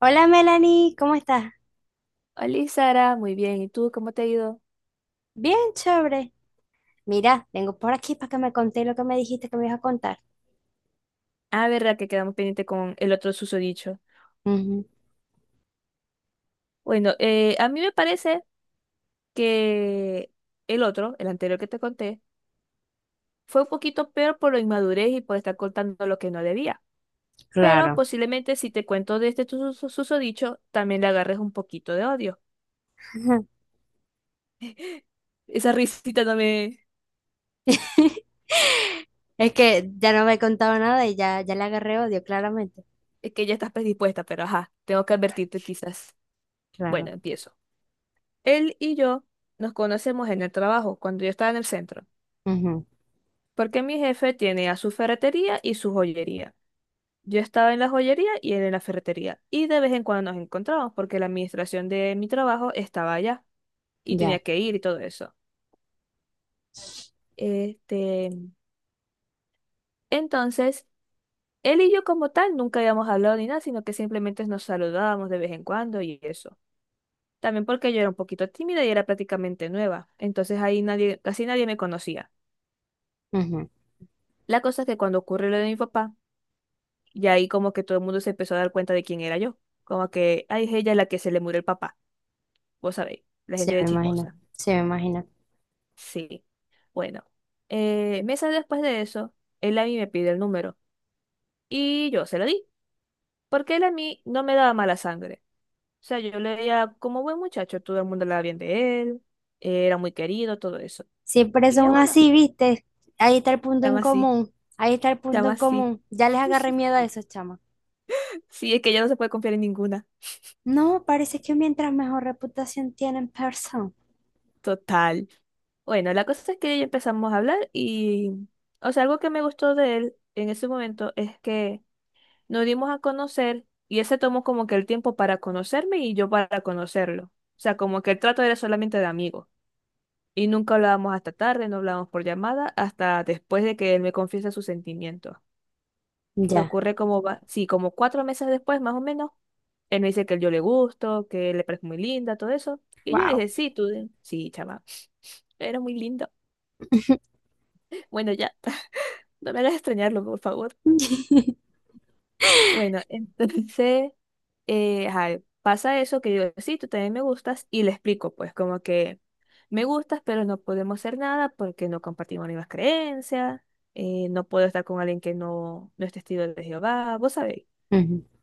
Hola Melanie, ¿cómo estás? Hola, Sara, muy bien. ¿Y tú cómo te ha ido? Bien, chévere. Mira, vengo por aquí para que me conté lo que me dijiste que me ibas a contar. Ah, verdad que quedamos pendiente con el otro susodicho. Ujú, Bueno, a mí me parece que el otro, el anterior que te conté, fue un poquito peor por la inmadurez y por estar contando lo que no debía. Pero claro. posiblemente si te cuento de este susodicho, también le agarres un poquito de odio. Esa risita no me... Es que ya no me he contado nada y ya, ya le agarré odio, claramente. Es que ya estás predispuesta, pero ajá, tengo que advertirte quizás. Bueno, Claro. empiezo. Él y yo nos conocemos en el trabajo, cuando yo estaba en el centro. Ujú, Porque mi jefe tiene a su ferretería y su joyería. Yo estaba en la joyería y él en la ferretería. Y de vez en cuando nos encontrábamos porque la administración de mi trabajo estaba allá y ya. tenía que ir y todo eso. Este, entonces, él y yo como tal nunca habíamos hablado ni nada, sino que simplemente nos saludábamos de vez en cuando y eso. También porque yo era un poquito tímida y era prácticamente nueva. Entonces ahí nadie, casi nadie me conocía. Ujú. La cosa es que cuando ocurre lo de mi papá, y ahí como que todo el mundo se empezó a dar cuenta de quién era yo. Como que, ay, es ella la que se le murió el papá. Vos sabéis, la Sí, gente de me imagino. chismosa. Sí, me imagino. Sí. Bueno, meses después de eso, él a mí me pide el número. Y yo se lo di. Porque él a mí no me daba mala sangre. O sea, yo le veía como buen muchacho, todo el mundo hablaba bien de él. Era muy querido, todo eso. Siempre Y yo, son bueno, así, ¿viste? Ahí está el punto en llama así, común. Ahí está el punto llama en así. común. Ya les agarré miedo a esos chamos. Sí, es que ya no se puede confiar en ninguna. No, parece que mientras mejor reputación tienen, persona. Total. Bueno, la cosa es que ya empezamos a hablar y, o sea, algo que me gustó de él en ese momento es que nos dimos a conocer y él se tomó como que el tiempo para conocerme y yo para conocerlo. O sea, como que el trato era solamente de amigo. Y nunca hablábamos hasta tarde, no hablábamos por llamada, hasta después de que él me confiesa sus sentimientos. Que Ya. ocurre como, sí, como cuatro meses después, más o menos, él me dice que yo le gusto, que le parece muy linda, todo eso. Y yo le Wow. dije, sí, tú, sí, chama, eres muy lindo. Bueno, ya. No me hagas extrañarlo, por favor. Bueno, entonces, ajá, pasa eso que yo, sí, tú también me gustas y le explico, pues, como que me gustas, pero no podemos hacer nada porque no compartimos las mismas creencias, no puedo estar con alguien que no es testigo de Jehová, vos sabéis.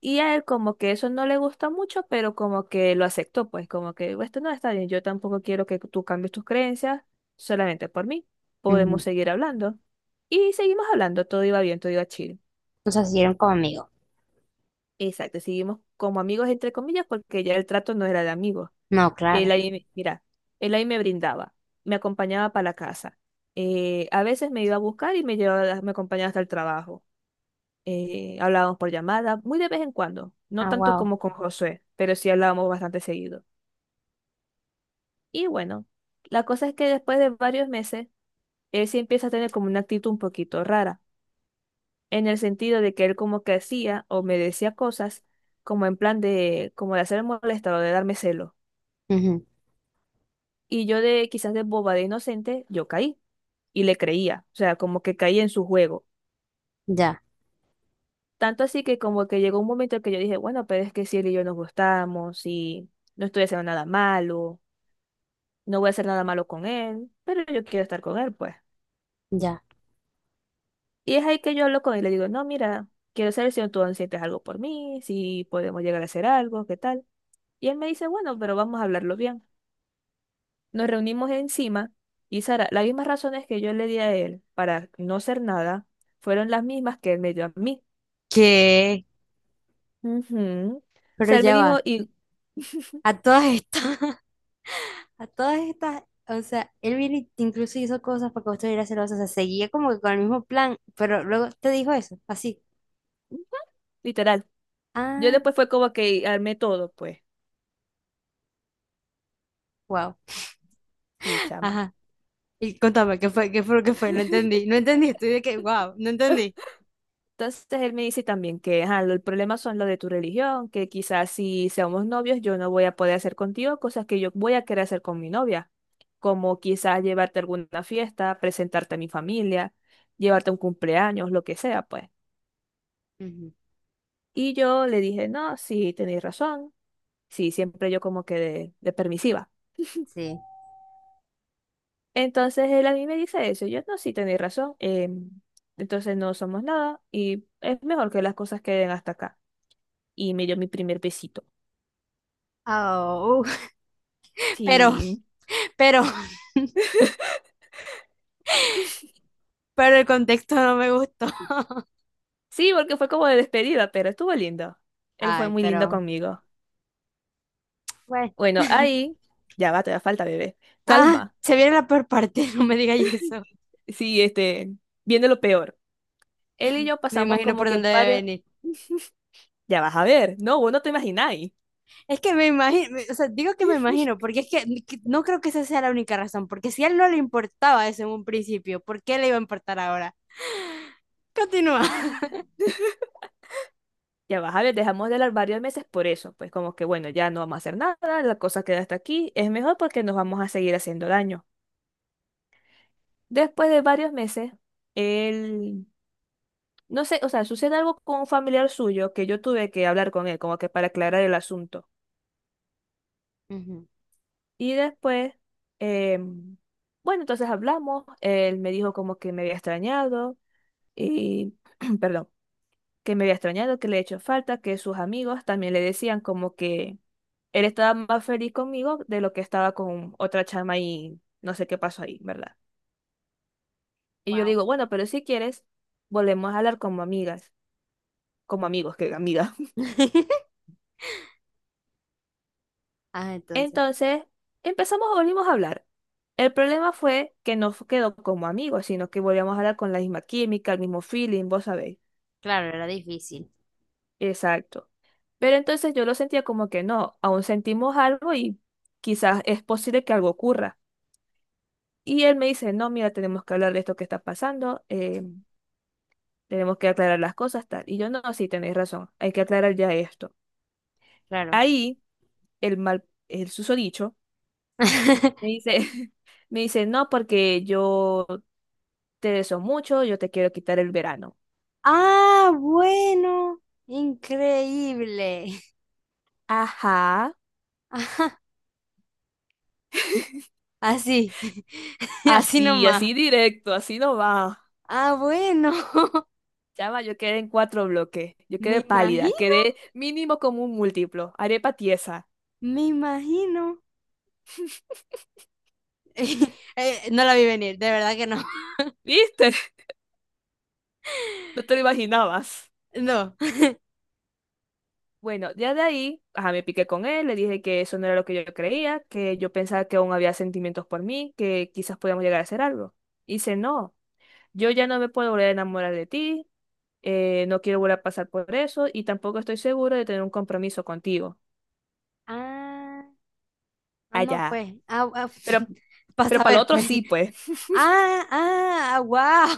Y a él como que eso no le gusta mucho, pero como que lo aceptó, pues, como que "Bueno, esto no está bien, yo tampoco quiero que tú cambies tus creencias solamente por mí, podemos Ujú. seguir hablando. Y seguimos hablando, todo iba bien, todo iba chill. O sea, siguieron conmigo. Exacto, seguimos como amigos entre comillas porque ya el trato no era de amigos. No, claro. Él ahí, mira, él ahí me brindaba, me acompañaba para la casa. A veces me iba a buscar y me llevaba, me acompañaba hasta el trabajo. Hablábamos por llamada, muy de vez en cuando, no Ah, tanto wow. como con Josué, pero sí hablábamos bastante seguido. Y bueno, la cosa es que después de varios meses, él sí empieza a tener como una actitud un poquito rara, en el sentido de que él como que hacía o me decía cosas como en plan de, como de hacer molestado, de darme celos. Ujú. Y yo de quizás de boba de inocente, yo caí y le creía, o sea, como que caí en su juego. Ya, Tanto así que como que llegó un momento en que yo dije, bueno, pero es que si él y yo nos gustamos y no estoy haciendo nada malo, no voy a hacer nada malo con él, pero yo quiero estar con él, pues. ya. Y es ahí que yo hablo con él y le digo, no, mira, quiero saber si tú aún sientes algo por mí, si podemos llegar a hacer algo, qué tal. Y él me dice, bueno, pero vamos a hablarlo bien. Nos reunimos encima y Sara, las mismas razones que yo le di a él para no hacer nada fueron las mismas que él me dio a mí. ¿Qué? Ujú. O Pero sea, él me ya dijo, va. y A todas estas, a todas estas, o sea, él viene y te incluso hizo cosas para que vos estuvieras celosa. O sea, seguía como que con el mismo plan, pero luego te dijo eso, así. ujú, literal, yo Ah, después fue como que armé todo, pues, wow. y chama. Ajá. Y contame, ¿qué fue? ¿Qué fue lo que fue? No entendí. No entendí. Estoy de que, wow, no entendí. Entonces él me dice también que ajá, el problema son lo de tu religión, que quizás si seamos novios yo no voy a poder hacer contigo cosas que yo voy a querer hacer con mi novia, como quizás llevarte a alguna fiesta, presentarte a mi familia, llevarte a un cumpleaños, lo que sea, pues. Ujú. Y yo le dije, no, sí, tenéis razón. Sí, siempre yo como que de permisiva. Sí. Entonces él a mí me dice eso. Yo, no, sí, tenéis razón. Entonces no somos nada y es mejor que las cosas queden hasta acá. Y me dio mi primer besito. Oh, pero, Sí, pero, pero el contexto no me gustó. sí, porque fue como de despedida, pero estuvo lindo. Él fue Ay, muy lindo pero, conmigo. bueno. Bueno, ahí, ya va, te da falta, bebé. Ah, Calma. se viene la peor parte, no me digas eso. Sí, viene lo peor. Él y yo Me pasamos imagino como por que dónde debe varios... venir. Ya vas a ver, no, vos no te imagináis. Es que me imagino, o sea, digo que me imagino, porque es que ni- que- no creo que esa sea la única razón, porque si a él no le importaba eso en un principio, ¿por qué le iba a importar ahora? Continúa. Ya vas a ver, dejamos de hablar varios meses por eso, pues como que bueno, ya no vamos a hacer nada, la cosa queda hasta aquí, es mejor porque nos vamos a seguir haciendo daño. Después de varios meses, él, no sé, o sea, sucede algo con un familiar suyo que yo tuve que hablar con él, como que para aclarar el asunto. Ujú. Y después, em, bueno, entonces hablamos, él me dijo como que me había extrañado y, perdón, que me había extrañado, que le he hecho falta, que sus amigos también le decían como que él estaba más feliz conmigo de lo que estaba con otra chama y no sé qué pasó ahí, ¿verdad? Y yo le Wow. digo, bueno, pero si quieres, volvemos a hablar como amigas, como amigos, que amigas. Ah, entonces, Entonces, empezamos, volvimos a hablar. El problema fue que no fu- quedó como amigos, sino que volvíamos a hablar con la misma química, el mismo feeling, vos sabéis. claro, era difícil, Exacto. Pero entonces yo lo sentía como que no, aún sentimos algo y quizás es posible que algo ocurra. Y él me dice, no, mira, tenemos que hablar de esto que está pasando. Tenemos que aclarar las cosas, tal. Y yo, no, sí, tenéis razón, hay que aclarar ya esto. claro. Ahí, el mal, el susodicho, me dice, me dice, no, porque yo te deseo mucho, yo te quiero quitar el verano. Ah, bueno, increíble. Ajá, Ajá, así, así así, nomás. así directo, así no va. Ah, bueno, Chama, yo quedé en cuatro bloques, yo me quedé pálida, imagino. quedé mínimo como un múltiplo, arepa tiesa. Me imagino. No la vi venir, de verdad que no. ¿Viste? No te lo imaginabas. No. Bueno, ya de ahí, ajá, me piqué con él, le dije que eso no era lo que yo creía, que yo pensaba que aún había sentimientos por mí, que quizás podíamos llegar a hacer algo. Y dice, no, yo ya no me puedo volver a enamorar de ti, no quiero volver a pasar por eso y tampoco estoy seguro de tener un compromiso contigo. Ah, ah, no, Allá. pues. Ah, ah Pero, para pero para lo saber, otro pues. sí, pues. Ah, ah, wow.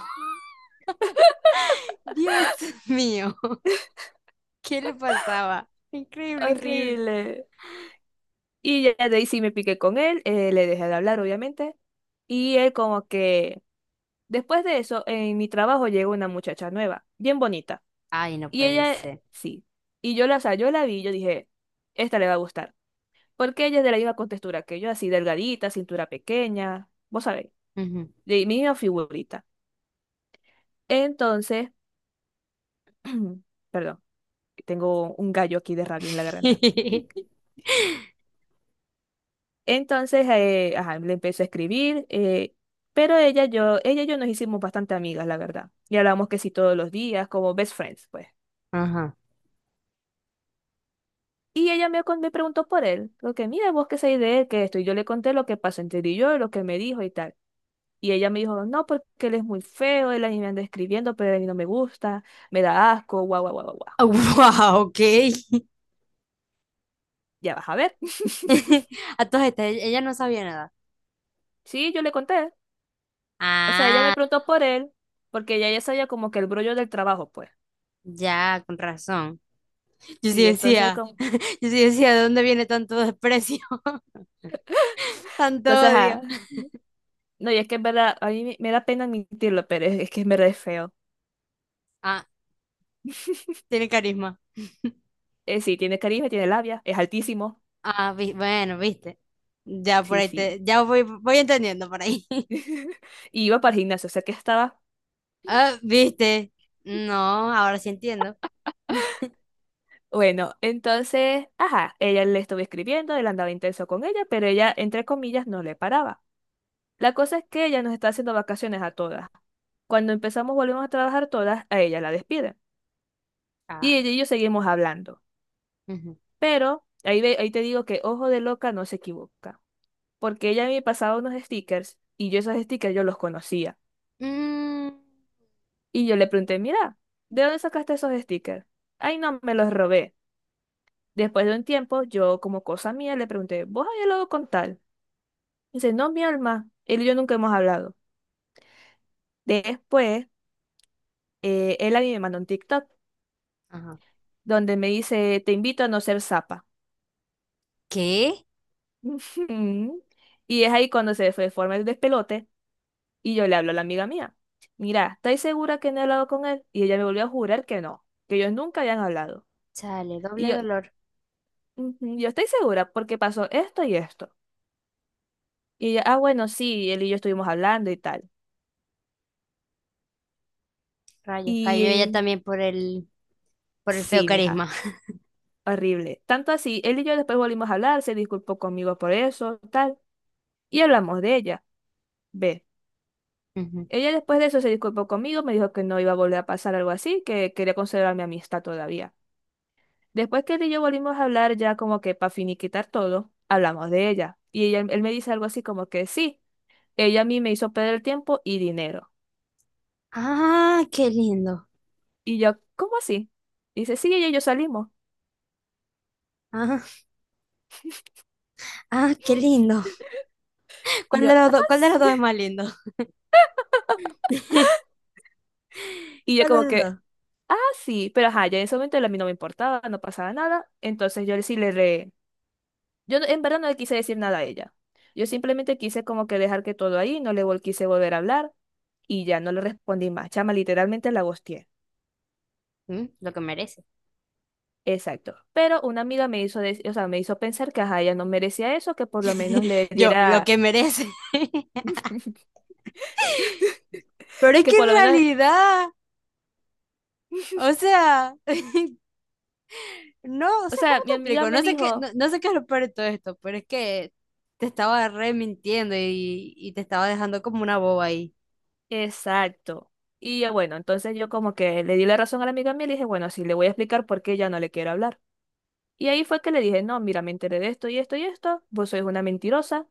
Dios mío. ¿Qué le pasaba? Increíble, increíble. Horrible. Y ya de ahí sí me piqué con él, le dejé de hablar, obviamente. Y él como que, después de eso, en mi trabajo llegó una muchacha nueva, bien bonita. Ay, no Y puede ella, ser. sí. Y yo la, o sea, yo la vi y yo dije, esta le va a gustar. Porque ella es de la misma contextura que yo, así delgadita, cintura pequeña, vos sabéis, Ujú. de mi misma figurita. Entonces, perdón, que tengo un gallo aquí de rabia en la garganta. Entonces, ajá, le empecé a escribir, pero ella, yo, ella y yo nos hicimos bastante amigas, la verdad. Y hablamos que sí todos los días, como best friends, pues. Ajá. Y ella me, me preguntó por él, porque mira, vos qué sabés de él, que esto, y yo le conté lo que pasó entre él y yo, lo que me dijo y tal. Y ella me dijo, no, porque él es muy feo, él a mí me anda escribiendo, pero a mí no me gusta, me da asco, guau, guau, guau, guau. Guau". Wow, ok. Ya vas a ver. A todas estas, ella no sabía nada. Sí, yo le conté. O sea, ella me Ah, preguntó por él, porque ella ya sabía como que el brollo del trabajo, pues. ya, con razón. Yo sí Sí, entonces, decía. como... Yo sí decía, ¿de dónde viene tanto desprecio? Tanto entonces, odio. ajá. No, y es que en verdad, a mí me da pena admitirlo, pero es que en verdad es feo. Ah, tiene carisma. Sí, tiene carisma, tiene labia, es altísimo. Ah, vi- bueno, viste. Ya por Sí, ahí sí. te, ya voy, voy entendiendo por ahí. Y iba para el gimnasio, o sea que estaba. Ah, viste. No, ahora sí entiendo. Bueno, entonces, ajá, ella le estuvo escribiendo, él andaba intenso con ella, pero ella, entre comillas, no le paraba. La cosa es que ella nos está haciendo vacaciones a todas. Cuando empezamos, volvemos a trabajar todas, a ella la despiden. Y Ah, ella y yo seguimos hablando. ujú. Pero ahí, ahí te digo que ojo de loca no se equivoca. Porque ella me pasaba unos stickers y yo esos stickers yo los conocía. Mm, Y yo le pregunté, mira, ¿de dónde sacaste esos stickers? Ay, no, me los robé. Después de un tiempo, yo como cosa mía le pregunté, ¿vos habías hablado con tal? Y dice, no, mi alma, él y yo nunca hemos hablado. Después, él a mí me mandó un TikTok ajá. donde me dice, te invito a no ser zapa. ¿Qué? Ujú. Y es ahí cuando se fue de forma el despelote y yo le hablo a la amiga mía, mira, ¿estáis segura que no he hablado con él? Y ella me volvió a jurar que no, que ellos nunca habían hablado. Chale, Y doble yo, dolor. "Ujú, yo estoy segura porque pasó esto y esto. Y ella, ah, bueno, sí, él y yo estuvimos hablando y tal. Rayos, cayó ella Y también por el feo sí, mija. carisma. Horrible. Tanto así, él y yo después volvimos a hablar, se disculpó conmigo por eso, tal, y hablamos de ella. Ve. Ujú. Ella después de eso se disculpó conmigo, me dijo que no iba a volver a pasar algo así, que quería conservar mi amistad todavía. Después que él y yo volvimos a hablar, ya como que para finiquitar todo, hablamos de ella. Y ella, él me dice algo así como que sí, ella a mí me hizo perder tiempo y dinero. Ah, qué lindo. Y yo, ¿cómo así? Dice, sí, ella y yo salimos. Ah, ah, qué lindo. Y ¿Cuál yo, de los ah, dos, cuál de los sí. dos es más lindo? Y yo ¿Cuál de como los que, dos? sí, pero ajá, ya en ese momento a mí no me importaba, no pasaba nada. Entonces yo sí le re... Yo en verdad no le quise decir nada a ella. Yo simplemente quise como que dejar que todo ahí, no quise volver a hablar y ya no le respondí más. Chama, literalmente la ghosteé. Mm, lo que merece. Exacto. Pero una amiga me hizo, o sea, me hizo pensar que ajá, ella no merecía eso, que por lo menos le Yo, lo diera, que merece. Pero es que que por en lo menos realidad, o sea, no, o o sea, sea, ¿cómo mi te amiga explico? me No sé qué, no, dijo, no sé qué es lo peor de todo esto, pero es que te estaba re mintiendo y te estaba dejando como una boba ahí. exacto. Y yo, bueno, entonces yo como que le di la razón a la amiga mía y le dije, bueno, sí, le voy a explicar por qué ya no le quiero hablar. Y ahí fue que le dije, no, mira, me enteré de esto y esto y esto, vos sois una mentirosa.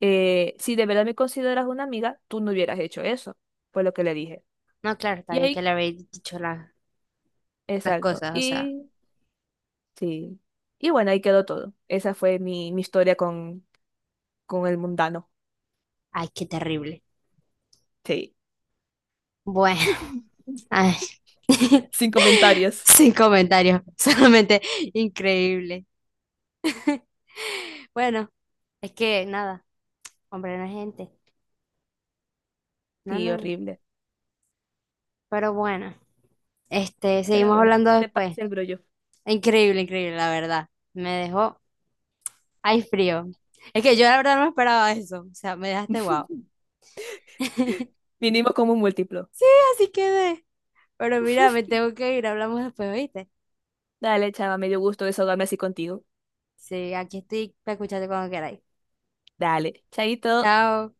Eh, si de verdad me consideras una amiga, tú no hubieras hecho eso. Fue lo que le dije. No, claro, está Y bien que ahí, le habéis dicho la- las exacto. cosas, o sea, Y sí. Y bueno, ahí quedó todo. Esa fue mi, mi historia con el mundano. ay, qué terrible. Sí. Bueno, ay, Sin comentarios. sin comentarios, solamente increíble. Bueno, es que nada, hombre, no es gente. No, Sí, no, no. horrible. Pero bueno, este, Pero seguimos bueno, hablando ¿qué te después. parece el brollo? Increíble, increíble, la verdad. Me dejó, ay, frío. Es que yo la verdad no me esperaba eso. O sea, me dejaste guau. Vinimos como un múltiplo. Así quedé. Pero mira, me tengo que ir. Hablamos después, ¿oíste? Dale, chava, me dio gusto desahogarme así contigo. Sí, aquí estoy para escucharte cuando queráis. Dale, chaito. Chao.